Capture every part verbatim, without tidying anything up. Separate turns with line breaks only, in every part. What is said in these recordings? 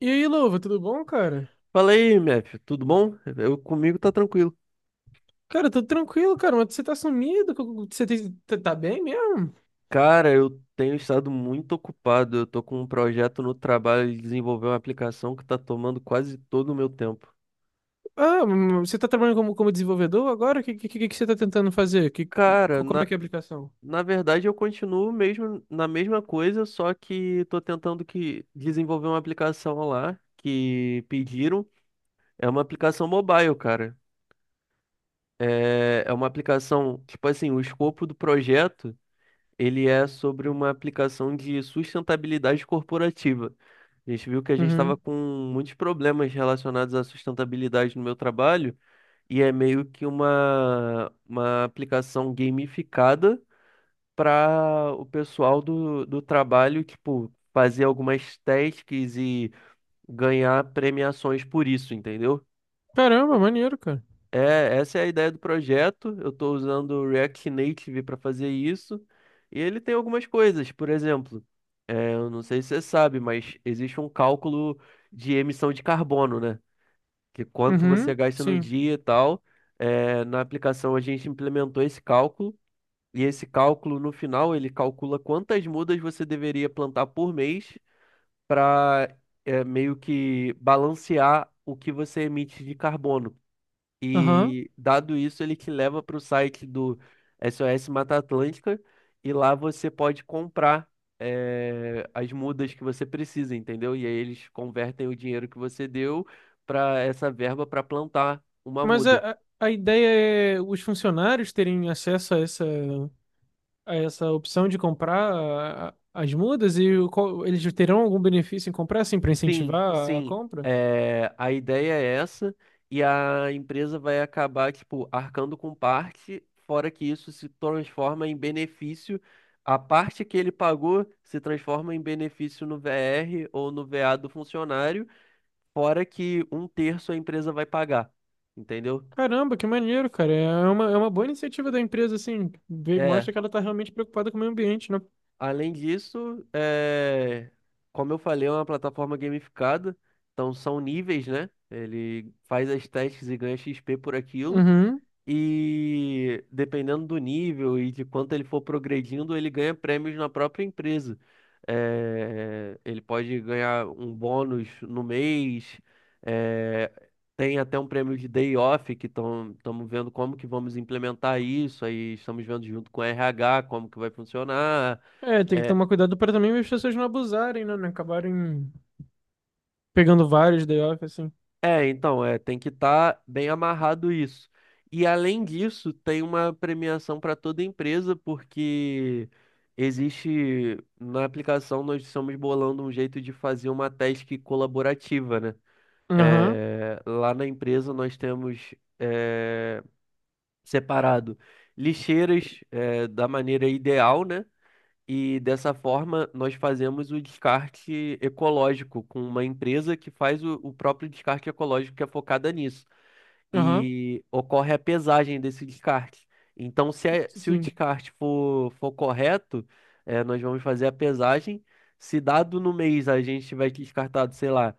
E aí, Louva, tudo bom, cara?
Fala aí, Mef, tudo bom? Eu comigo tá tranquilo.
Cara, tudo tranquilo, cara, mas você tá sumido? co- Você tem- tá tá bem mesmo?
Cara, eu tenho estado muito ocupado. Eu tô com um projeto no trabalho de desenvolver uma aplicação que tá tomando quase todo o meu tempo.
Ah, hum, você tá trabalhando como, como desenvolvedor agora? O que, que, que que você tá tentando fazer? Que,
Cara,
co- como é
na,
que é a aplicação?
na verdade eu continuo mesmo na mesma coisa, só que tô tentando que desenvolver uma aplicação lá que pediram. É uma aplicação mobile, cara. É, é uma aplicação, tipo assim, o escopo do projeto. Ele é sobre uma aplicação de sustentabilidade corporativa. A gente viu que a gente estava
Uhum.
com muitos problemas relacionados à sustentabilidade no meu trabalho, e é meio que uma, uma aplicação gamificada para o pessoal do, do trabalho, tipo, fazer algumas tasks e ganhar premiações por isso, entendeu?
Caramba, maneiro, cara.
É, essa é a ideia do projeto. Eu estou usando o React Native para fazer isso. E ele tem algumas coisas, por exemplo, é, eu não sei se você sabe, mas existe um cálculo de emissão de carbono, né? Que quanto você
Uhum,
gasta no
sim.
dia e tal. É, na aplicação a gente implementou esse cálculo. E esse cálculo, no final, ele calcula quantas mudas você deveria plantar por mês para meio que balancear o que você emite de carbono.
Aham.
E dado isso, ele te leva para o site do S O S Mata Atlântica e lá você pode comprar eh, as mudas que você precisa, entendeu? E aí eles convertem o dinheiro que você deu para essa verba para plantar uma
Mas
muda.
a, a a ideia é os funcionários terem acesso a essa essa opção de comprar a- as mudas e o qual- eles terão algum benefício em comprar, assim, para
Sim,
incentivar a
sim.
compra?
É, a ideia é essa, e a empresa vai acabar, tipo, arcando com parte, fora que isso se transforma em benefício. A parte que ele pagou se transforma em benefício no V R ou no V A do funcionário, fora que um terço a empresa vai pagar. Entendeu?
Caramba, que maneiro, cara. É é uma, é uma boa iniciativa da empresa, assim. Vê-
É.
Mostra que ela tá realmente preocupada com o meio ambiente, né?
Além disso, é, como eu falei, é uma plataforma gamificada, então são níveis, né? Ele faz as testes e ganha X P por aquilo.
Uhum.
E dependendo do nível e de quanto ele for progredindo, ele ganha prêmios na própria empresa. Eh, ele pode ganhar um bônus no mês, eh, tem até um prêmio de day off, que estamos vendo como que vamos implementar isso, aí estamos vendo junto com o R H como que vai funcionar.
É, tem que
eh,
tomar cuidado para também as pessoas não abusarem, né? Não acabarem pegando vários day off, assim.
É, então, é, tem que estar bem amarrado isso. E além disso, tem uma premiação para toda empresa, porque existe na aplicação nós estamos bolando um jeito de fazer uma task colaborativa, né?
Aham,
É, lá na empresa nós temos é, separado lixeiras é, da maneira ideal, né? E dessa forma, nós fazemos o descarte ecológico com uma empresa que faz o, o próprio descarte ecológico que é focada nisso.
aham,
E ocorre a pesagem desse descarte. Então, se, é- se o
sim.
descarte for, for correto, eh, nós vamos fazer a pesagem. Se dado no mês a gente tiver descartado, sei lá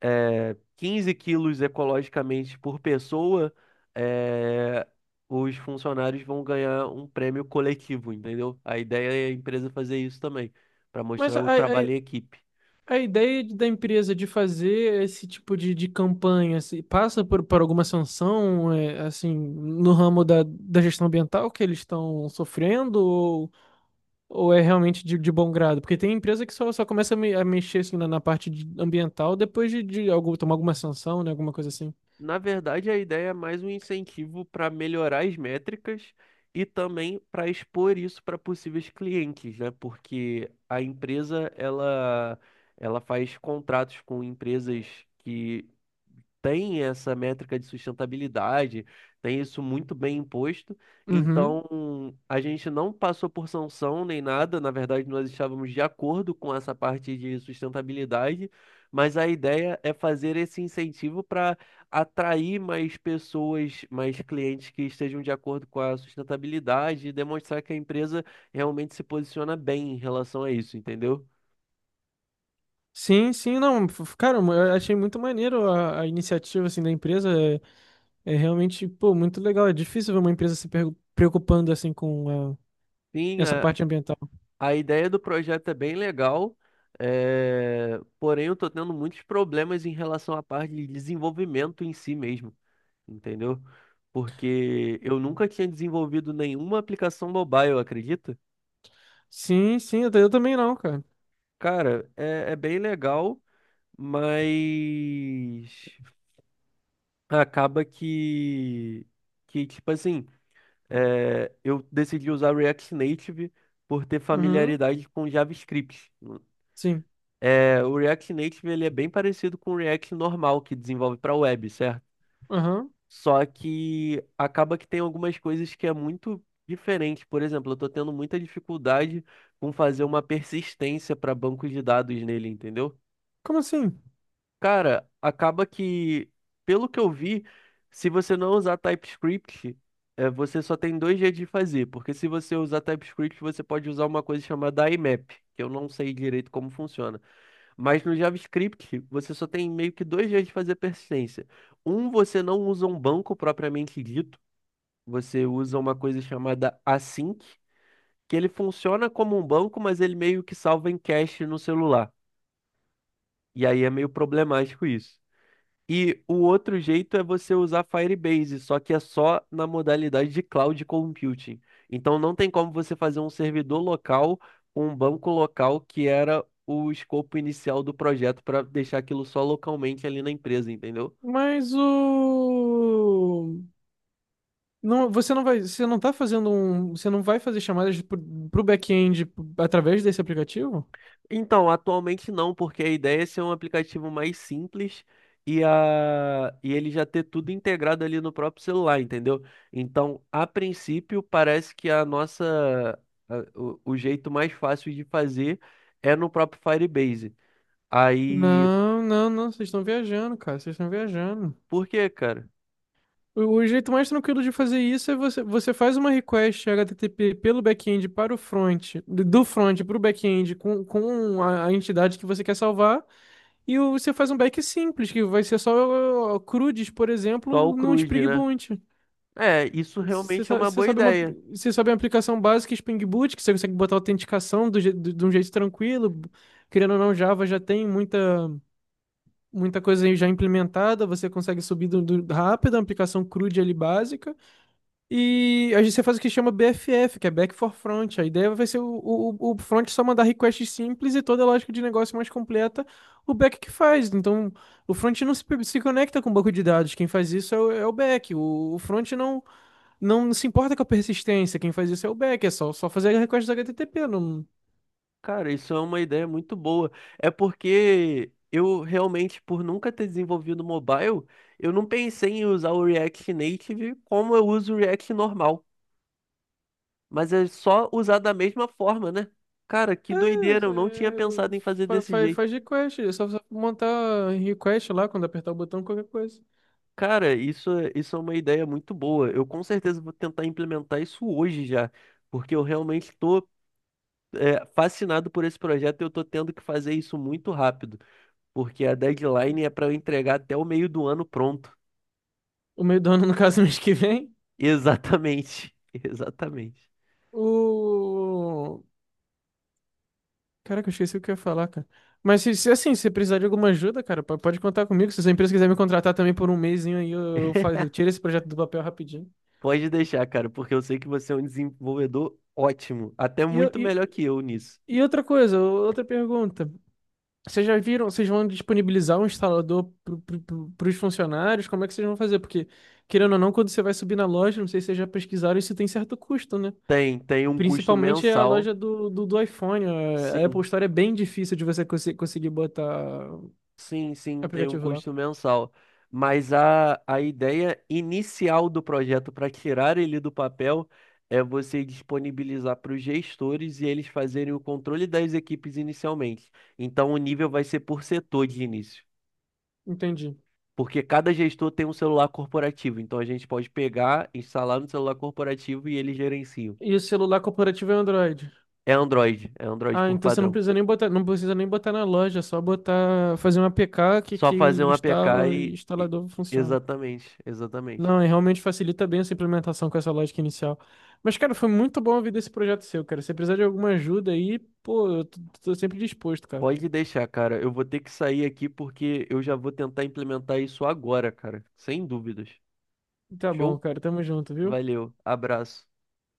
é, quinze quilos ecologicamente por pessoa, é, os funcionários vão ganhar um prêmio coletivo, entendeu? A ideia é a empresa fazer isso também, para
Mas
mostrar
a,
o
a,
trabalho em equipe.
A ideia de- da empresa de fazer esse tipo de, de campanha se passa por, por alguma sanção, é, assim, no ramo da, da gestão ambiental que eles estão sofrendo, ou, ou é realmente de, de bom grado? Porque tem empresa que só, só começa a, me- a mexer assim, na, na parte de- ambiental depois de, de algum, tomar alguma sanção, né, alguma coisa assim.
Na verdade, a ideia é mais um incentivo para melhorar as métricas e também para expor isso para possíveis clientes, né? Porque a empresa ela ela faz contratos com empresas que tem essa métrica de sustentabilidade, tem isso muito bem imposto.
Uhum.
Então, a gente não passou por sanção nem nada, na verdade, nós estávamos de acordo com essa parte de sustentabilidade, mas a ideia é fazer esse incentivo para atrair mais pessoas, mais clientes que estejam de acordo com a sustentabilidade e demonstrar que a empresa realmente se posiciona bem em relação a isso, entendeu?
Sim, sim, não, f- cara, eu achei muito maneiro a, a iniciativa, assim, da empresa, é, é realmente, pô, muito legal, é difícil ver uma empresa se pergu- preocupando, assim, com a-
Sim.
essa parte ambiental.
A ideia do projeto é bem legal, eh, porém eu tô tendo muitos problemas em relação à parte de desenvolvimento em si mesmo, entendeu? Porque eu nunca tinha desenvolvido nenhuma aplicação mobile, acredita?
Sim, sim, eu eu também não, cara.
Cara, é, é bem legal, mas acaba que, que tipo assim, eh, eu decidi usar React Native por ter
Uhum,
familiaridade com JavaScript.
sim.
É, o React Native ele é bem parecido com o React normal que desenvolve para web, certo?
Aham.
Só que acaba que tem algumas coisas que é muito diferente. Por exemplo, eu estou tendo muita dificuldade com fazer uma persistência para bancos de dados nele, entendeu?
Como assim?
Cara, acaba que, pelo que eu vi, se você não usar TypeScript, é, você só tem dois jeitos de fazer, porque se você usar TypeScript, você pode usar uma coisa chamada I MAP, que eu não sei direito como funciona. Mas no JavaScript, você só tem meio que dois jeitos de fazer persistência. Um, você não usa um banco propriamente dito, você usa uma coisa chamada async, que ele funciona como um banco, mas ele meio que salva em cache no celular. E aí é meio problemático isso. E o outro jeito é você usar Firebase, só que é só na modalidade de cloud computing. Então não tem como você fazer um servidor local com um banco local que era o escopo inicial do projeto para deixar aquilo só localmente ali na empresa, entendeu?
Mas o. Não, você não vai. Você não tá fazendo um. Você não vai fazer chamadas pro, pro back-end através desse aplicativo?
Então, atualmente não, porque a ideia é ser um aplicativo mais simples e, a... e ele já ter tudo integrado ali no próprio celular, entendeu? Então, a princípio, parece que a nossa a- o, o jeito mais fácil de fazer é no próprio Firebase. Aí,
Não, não, não. Vocês estão viajando, cara. Vocês estão viajando.
por quê, cara?
O o jeito mais tranquilo de fazer isso é você, você faz uma request H T T P pelo back-end para o front, do do front para o back-end com, com a, a entidade que você quer salvar, e o- você faz um back simples, que vai ser só uh, CRUDs, por
Só o
exemplo, num
CRUD,
Spring
né?
Boot.
É, isso
Você,
realmente é
sa-
uma
você
boa
sabe uma,
ideia.
você sabe uma aplicação básica Spring Boot, que você consegue botar autenticação do je- de de um jeito tranquilo, querendo ou não, Java já tem muita, muita coisa aí já implementada, você consegue subir do, do- rápido, a aplicação CRUD ali básica. E a gente você faz o que chama B F F, que é Back for Front. A ideia vai ser o, o, o front só mandar requests simples e toda a lógica de negócio mais completa, o back que faz. Então, o front não se, pe- se conecta com o banco de dados. Quem faz isso é o, é o back. O, o front não, não se importa com a persistência. Quem faz isso é o back. É só, só fazer request H T T P. Não,
Cara, isso é uma ideia muito boa. É porque eu realmente, por nunca ter desenvolvido mobile, eu não pensei em usar o React Native como eu uso o React normal. Mas é só usar da mesma forma, né? Cara, que doideira, eu não tinha
é,
pensado em fazer desse
faz,
jeito.
faz request. É só, só montar request lá quando apertar o botão, qualquer coisa.
Cara, isso, é- isso é uma ideia muito boa. Eu com certeza vou tentar implementar isso hoje já, porque eu realmente estou fascinado por esse projeto e eu estou tendo que fazer isso muito rápido. Porque a deadline é para eu entregar até o meio do ano pronto.
O meio do ano, no caso, mês que vem.
Exatamente, exatamente.
O... Caraca, eu esqueci o que eu ia falar, cara. Mas se, se, assim, se precisar de alguma ajuda, cara, po- pode contar comigo. Se a sua empresa quiser me contratar também por um mesinho aí, eu, eu, faço- eu tiro esse projeto do papel rapidinho.
Pode deixar, cara, porque eu sei que você é um desenvolvedor ótimo, até
E, eu-
muito
e,
melhor que eu nisso.
e outra coisa, outra pergunta. Vocês já viram, vocês vão disponibilizar um instalador para os funcionários? Como é que vocês vão fazer? Porque, querendo ou não, quando você vai subir na loja, não sei se vocês já pesquisaram, isso tem certo custo, né?
Tem, tem um custo
Principalmente é a
mensal,
loja do, do, do iPhone. A a Apple
sim,
Store é bem difícil de você conse- conseguir botar
sim, sim, tem um
aplicativo lá.
custo mensal. Mas a, a ideia inicial do projeto para tirar ele do papel é você disponibilizar para os gestores e eles fazerem o controle das equipes inicialmente. Então o nível vai ser por setor de início.
Entendi.
Porque cada gestor tem um celular corporativo, então a gente pode pegar, instalar no celular corporativo e ele gerencia.
E o celular corporativo é Android?
É Android, é Android
Ah,
por
então você não
padrão.
precisa nem botar, não precisa nem botar na loja, é só botar, fazer um A P K que,
Só
que
fazer
o
um A P K
instala e o
e. e-
instalador funciona.
Exatamente, exatamente.
Não, e realmente facilita bem essa implementação com essa lógica inicial. Mas, cara, foi muito bom ouvir desse projeto seu, cara. Se precisar de alguma ajuda aí, pô, eu tô, tô sempre disposto, cara.
Pode deixar, cara. Eu vou ter que sair aqui porque eu já vou tentar implementar isso agora, cara. Sem dúvidas.
Tá
Show?
bom, cara. Tamo junto, viu?
Valeu, abraço.